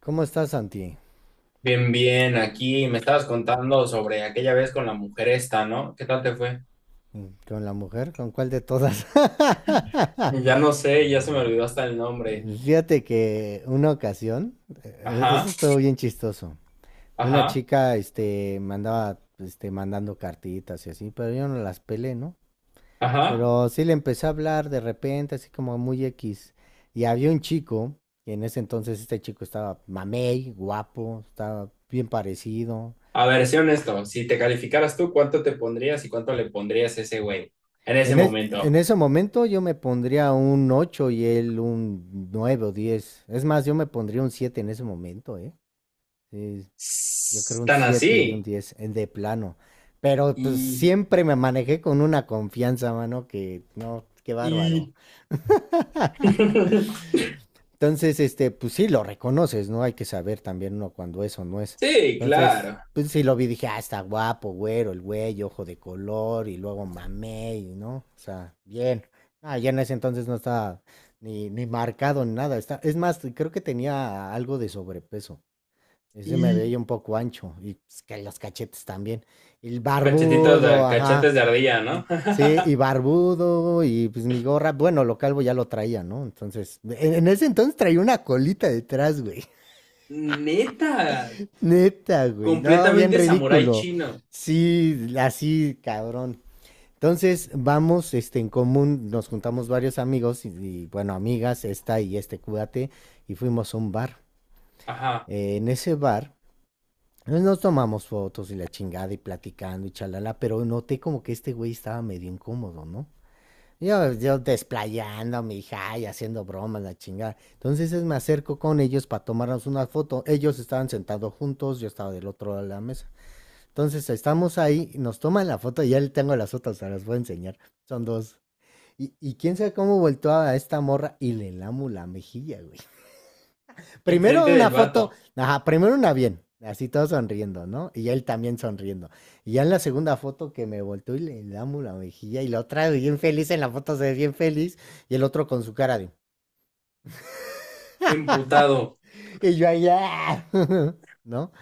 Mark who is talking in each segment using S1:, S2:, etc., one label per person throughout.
S1: ¿Cómo estás, Santi?
S2: Bien, bien, aquí me estabas contando sobre aquella vez con la mujer esta, ¿no? ¿Qué tal te fue?
S1: ¿Con la mujer? ¿Con cuál de todas?
S2: Ya no sé, ya se me olvidó hasta el nombre.
S1: Fíjate que una ocasión,
S2: Ajá,
S1: eso estuvo bien chistoso. Una
S2: ajá,
S1: chica, este, me andaba, este, mandando cartitas y así, pero yo no las pelé, ¿no?
S2: ajá.
S1: Pero sí le empecé a hablar de repente, así como muy X. Y había un chico, y en ese entonces este chico estaba mamey, guapo, estaba bien parecido.
S2: A ver, sé honesto, si te calificaras tú, ¿cuánto te pondrías y cuánto le pondrías a ese güey en ese
S1: En
S2: momento?
S1: ese momento yo me pondría un 8 y él un 9 o 10. Es más, yo me pondría un 7 en ese momento, ¿eh? Sí, yo creo un
S2: Tan
S1: 7 y un
S2: así.
S1: 10, en de plano. Pero pues
S2: Y,
S1: siempre me manejé con una confianza, mano, que no, qué bárbaro.
S2: y.
S1: Entonces, este, pues sí, lo reconoces, ¿no? Hay que saber también uno cuando eso no es.
S2: Sí,
S1: Entonces,
S2: claro.
S1: pues sí lo vi, dije, ah, está guapo, güero, el güey, ojo de color, y luego mamé, y, ¿no? O sea, bien. Ah, ya en ese entonces no estaba ni marcado ni nada. Está, es más, creo que tenía algo de sobrepeso. Ese me
S2: Y.
S1: veía un poco ancho y pues, que los cachetes también. Y el barbudo, ajá.
S2: Cachetes de ardilla,
S1: Mm.
S2: ¿no?
S1: Sí, y barbudo y pues mi gorra, bueno, lo calvo ya lo traía, ¿no? Entonces, en ese entonces traía una colita detrás, güey.
S2: Neta,
S1: Neta, güey. No, bien
S2: completamente samurái
S1: ridículo.
S2: chino.
S1: Sí, así, cabrón. Entonces, vamos, este, en común, nos juntamos varios amigos bueno, amigas, esta y este cuate, y fuimos a un bar.
S2: Ajá.
S1: En ese bar pues nos tomamos fotos y la chingada y platicando y chalala, pero noté como que este güey estaba medio incómodo, ¿no? Yo desplayándome y haciendo bromas, la chingada. Entonces me acerco con ellos para tomarnos una foto. Ellos estaban sentados juntos, yo estaba del otro lado de la mesa. Entonces estamos ahí, nos toman la foto, ya le tengo las otras, se las voy a enseñar. Son dos. Y quién sabe cómo volteó a esta morra y le lamo la mejilla, güey. Primero
S2: Enfrente
S1: una
S2: del
S1: foto,
S2: vato.
S1: ajá, primero una bien, así todos sonriendo, ¿no? Y él también sonriendo. Y ya en la segunda foto que me volteó y le damos la mejilla y la otra bien feliz, en la foto se ve bien feliz, y el otro con su cara de...
S2: Emputado.
S1: Y yo ahí, ¡ah! ¿no?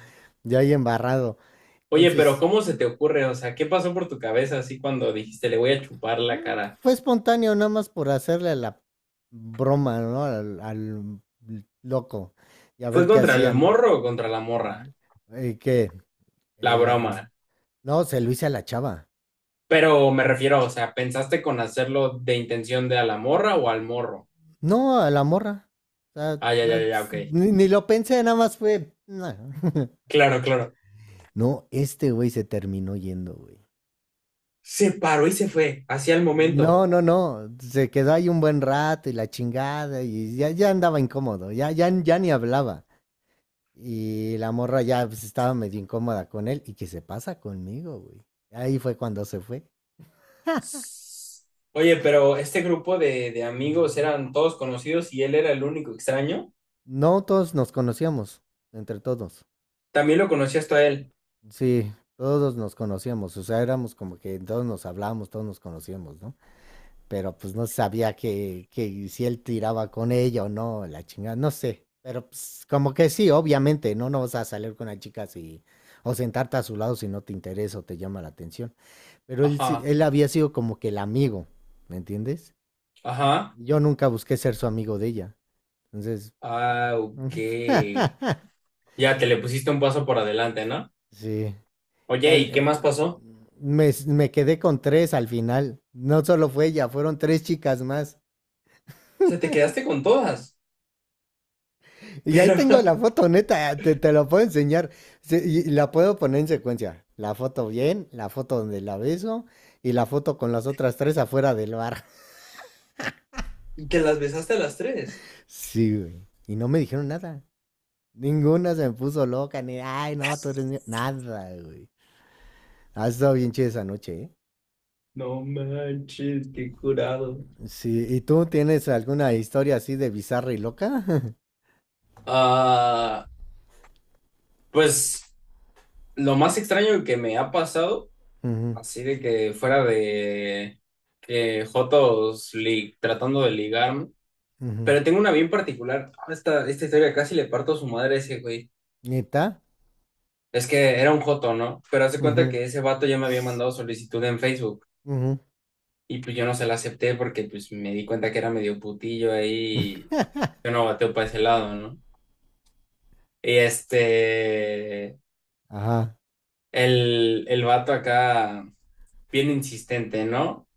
S1: Yo ahí embarrado.
S2: Oye, pero
S1: Entonces,
S2: ¿cómo se te ocurre? O sea, ¿qué pasó por tu cabeza así cuando dijiste le voy a chupar la cara?
S1: fue espontáneo nada más por hacerle la broma, ¿no? Al loco y a
S2: ¿Fue
S1: ver qué
S2: contra el
S1: hacían.
S2: morro o contra la morra?
S1: Y que...
S2: La
S1: el-
S2: broma.
S1: no, se lo hice a la chava.
S2: Pero me refiero, o sea, ¿pensaste con hacerlo de intención de a la morra o al morro?
S1: No, a la morra. O sea,
S2: Ah, ya, ya,
S1: no,
S2: ya, ok.
S1: ni lo pensé, nada más fue. No.
S2: Claro, claro.
S1: No, este güey se terminó yendo, güey.
S2: Se paró y se fue, hacia el momento.
S1: No, no, no. Se quedó ahí un buen rato y la chingada y ya andaba incómodo, ya ni hablaba. Y la morra ya pues, estaba medio incómoda con él y que se pasa conmigo, güey. Ahí fue cuando se fue.
S2: Oye, pero este grupo de, amigos eran todos conocidos y él era el único extraño.
S1: No todos nos conocíamos, entre todos.
S2: También lo conocías tú a él.
S1: Sí, todos nos conocíamos, o sea, éramos como que todos nos hablábamos, todos nos conocíamos, ¿no? Pero pues no sabía que si él tiraba con ella o no, la chingada, no sé. Pero pues como que sí, obviamente, ¿no? No vas a salir con una chica si, o sentarte a su lado si no te interesa o te llama la atención. Pero él,
S2: Ajá,
S1: él había sido como que el amigo, ¿me entiendes?
S2: ajá.
S1: Yo nunca busqué ser su amigo de ella. Entonces,
S2: Ah,
S1: eh,
S2: ok. Ya, que le pusiste un paso por adelante, ¿no?
S1: sí. Y
S2: Oye,
S1: al,
S2: ¿y qué
S1: eh,
S2: más pasó? O
S1: me quedé con tres al final. No solo fue ella, fueron tres chicas más.
S2: sea, te quedaste con todas,
S1: Y ahí
S2: pero
S1: tengo la foto, neta, te la puedo enseñar. Y la puedo poner en secuencia. La foto bien, la foto donde la beso y la foto con las otras tres afuera del bar.
S2: y que las besaste a las tres.
S1: Sí, güey. Y no me dijeron nada. Ninguna se me puso loca, ni, ay, no, tú eres mío". Nada, güey. Ha estado bien chida esa noche, ¿eh?
S2: No manches, qué curado.
S1: Sí, ¿y tú tienes alguna historia así de bizarra y loca?
S2: Ah, pues lo más extraño que me ha pasado,
S1: Ujú,
S2: así de que fuera de que Jotos tratando de ligarme,
S1: ujú.
S2: pero tengo una bien particular. Ah, esta historia casi le parto a su madre a ese güey.
S1: ¿Neta?
S2: Es que era un joto, ¿no? Pero hace cuenta
S1: Ujú.
S2: que ese vato ya me había mandado solicitud en Facebook
S1: Ujú.
S2: y pues yo no se la acepté porque pues me di cuenta que era medio putillo ahí y yo no bateo para ese lado, ¿no? Y este,
S1: Ajá.
S2: el vato acá, bien insistente, ¿no?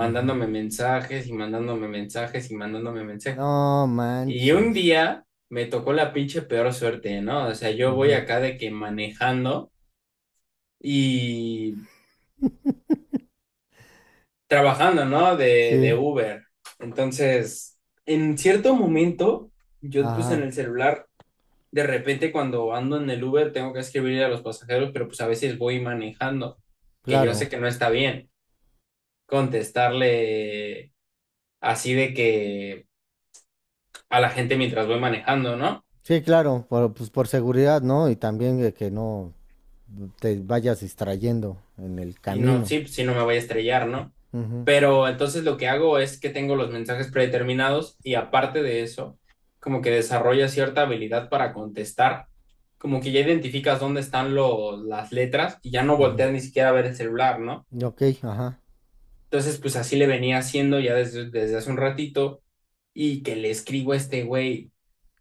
S1: Ujú.
S2: mensajes y mandándome mensajes y mandándome mensajes.
S1: No
S2: Y un
S1: manches.
S2: día me tocó la pinche peor suerte, ¿no? O sea, yo voy
S1: Ujú.
S2: acá de que manejando y trabajando, ¿no? De
S1: Sí,
S2: Uber. Entonces, en cierto momento, yo pues en
S1: ajá,
S2: el celular, de repente cuando ando en el Uber, tengo que escribirle a los pasajeros, pero pues a veces voy manejando, que yo sé
S1: claro.
S2: que no está bien contestarle así de que a la gente mientras voy manejando, ¿no?
S1: Sí, claro, por, pues por seguridad, ¿no? Y también de que no te vayas distrayendo en el
S2: Y no,
S1: camino.
S2: sí, sí, no me voy a estrellar, ¿no?
S1: Ujú,
S2: Pero entonces lo que hago es que tengo los mensajes predeterminados y aparte de eso, como que desarrolla cierta habilidad para contestar, como que ya identificas dónde están las letras y ya no
S1: ujú.
S2: volteas ni siquiera a ver el celular, ¿no?
S1: Ok, ajá.
S2: Entonces, pues así le venía haciendo ya desde hace un ratito y que le escribo a este güey,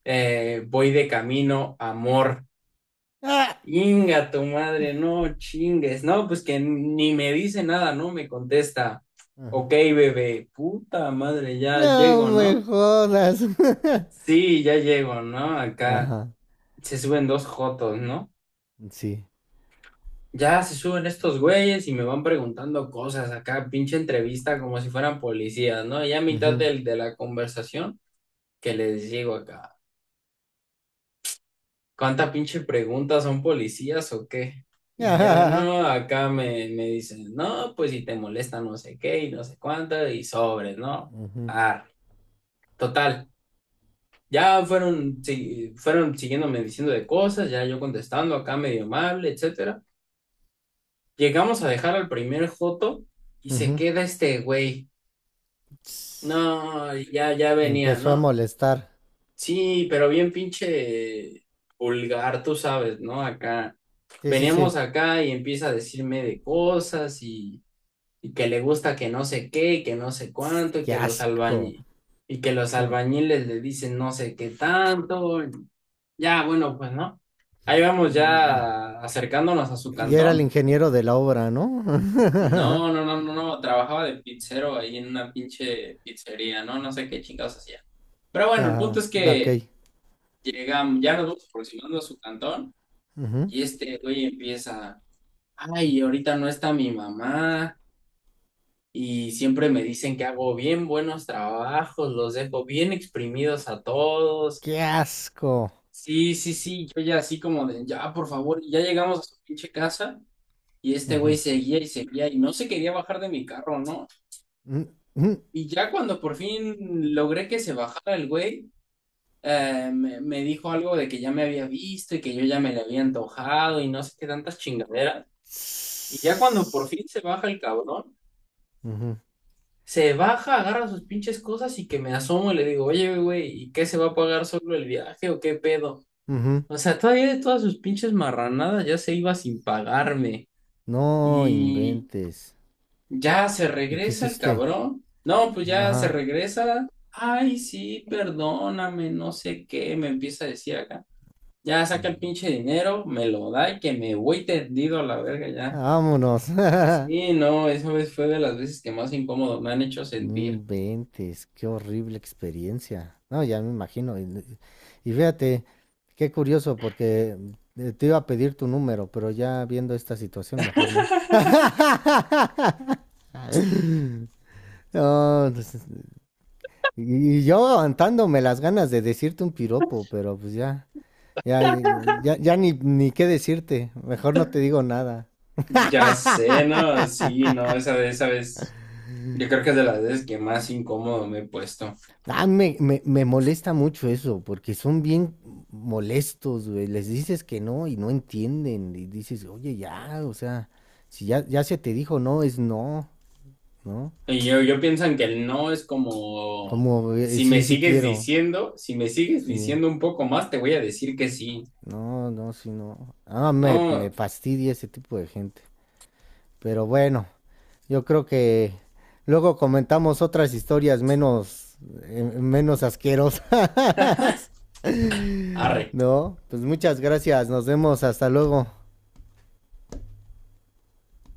S2: voy de camino, amor.
S1: ¡Ah!
S2: Inga tu madre, no chingues. No, pues que ni me dice nada, no me contesta.
S1: Ajá.
S2: Ok, bebé, puta madre, ya
S1: No
S2: llego,
S1: me
S2: ¿no?
S1: jodas.
S2: Sí, ya llego, ¿no? Acá
S1: Ajá,
S2: se suben dos jotos, ¿no?
S1: sí.
S2: Ya se suben estos güeyes y me van preguntando cosas acá, pinche entrevista como si fueran policías, ¿no? Ya a mitad
S1: Ujú.
S2: de la conversación que les digo acá. ¿Cuánta pinche pregunta son policías o qué? Y ya no, acá me dicen, no, pues si te molesta no sé qué y no sé cuánto y sobres, ¿no?
S1: Ujú,
S2: Ah, total. Ya fueron, sí, fueron siguiéndome diciendo de cosas, ya yo contestando acá medio amable, etcétera. Llegamos a dejar al primer joto y se
S1: ujú.
S2: queda este güey.
S1: Ts-
S2: No, ya, ya venía,
S1: empezó a
S2: ¿no?
S1: molestar.
S2: Sí, pero bien pinche vulgar, tú sabes, ¿no? Acá
S1: Sí, sí, sí.
S2: veníamos acá y empieza a decirme de cosas y, que le gusta que no sé qué, y que no sé
S1: Tss,
S2: cuánto,
S1: qué asco.
S2: y que los
S1: Mm.
S2: albañiles, le dicen no sé qué tanto. Ya, bueno, pues no. Ahí vamos
S1: Y,
S2: ya acercándonos a su
S1: y era el
S2: cantón.
S1: ingeniero de la obra, ¿no?
S2: No, no, no, no, no, trabajaba de pizzero ahí en una pinche pizzería, ¿no? No sé qué chingados hacía. Pero bueno, el punto
S1: Ajá,
S2: es
S1: ok.
S2: que llegan, ya nos vamos aproximando a su cantón
S1: Ujú.
S2: y este güey empieza, ay, ahorita no está mi mamá y siempre me dicen que hago bien buenos trabajos, los dejo bien exprimidos a todos.
S1: Qué asco.
S2: Sí, sí, sí, yo ya así como de, ya, por favor, ya llegamos a su pinche casa y este güey
S1: Ujú.
S2: seguía y seguía y no se quería bajar de mi carro, ¿no?
S1: Mm, mm,
S2: Y ya cuando por fin logré que se bajara el güey, me dijo algo de que ya me había visto y que yo ya me le había antojado y no sé qué tantas chingaderas. Y ya cuando por
S1: tss.
S2: fin se baja el cabrón,
S1: Ujú,
S2: se baja, agarra sus pinches cosas y que me asomo y le digo, oye, güey, ¿y qué se va a pagar solo el viaje o qué pedo?
S1: ujú.
S2: O sea, todavía de todas sus pinches marranadas ya se iba sin pagarme.
S1: No
S2: Y
S1: inventes.
S2: ya se
S1: ¿Y qué
S2: regresa el
S1: hiciste?
S2: cabrón. No, pues ya se
S1: Ajá.
S2: regresa. Ay, sí, perdóname, no sé qué, me empieza a decir acá. Ya saca el pinche dinero, me lo da y que me voy tendido a la verga ya.
S1: Vámonos.
S2: Sí, no, esa vez fue de las veces que más incómodo me han hecho
S1: No
S2: sentir.
S1: inventes, qué horrible experiencia. No, ya me imagino. Y fíjate, qué curioso, porque te iba a pedir tu número, pero ya viendo esta situación, mejor no. No, pues, y yo aguantándome las ganas de decirte un piropo, pero pues ya, ya, ya ni qué decirte. Mejor no te digo nada.
S2: Ya sé, no, sí, no, esa vez, yo creo que es de las veces que más incómodo me he puesto.
S1: Ah, me molesta mucho eso, porque son bien molestos, güey. Les dices que no y no entienden. Y dices, oye, ya, o sea, si ya se te dijo no, es no, ¿no?
S2: Y yo pienso en que el no es como,
S1: Como,
S2: si me
S1: sí, sí
S2: sigues
S1: quiero,
S2: diciendo, si me sigues
S1: sí.
S2: diciendo un poco más, te voy a decir que sí.
S1: No, no, sí, no. Ah, me
S2: No,
S1: fastidia ese tipo de gente. Pero bueno, yo creo que luego comentamos otras historias menos, menos asquerosas.
S2: arre.
S1: No, pues muchas gracias. Nos vemos. Hasta luego.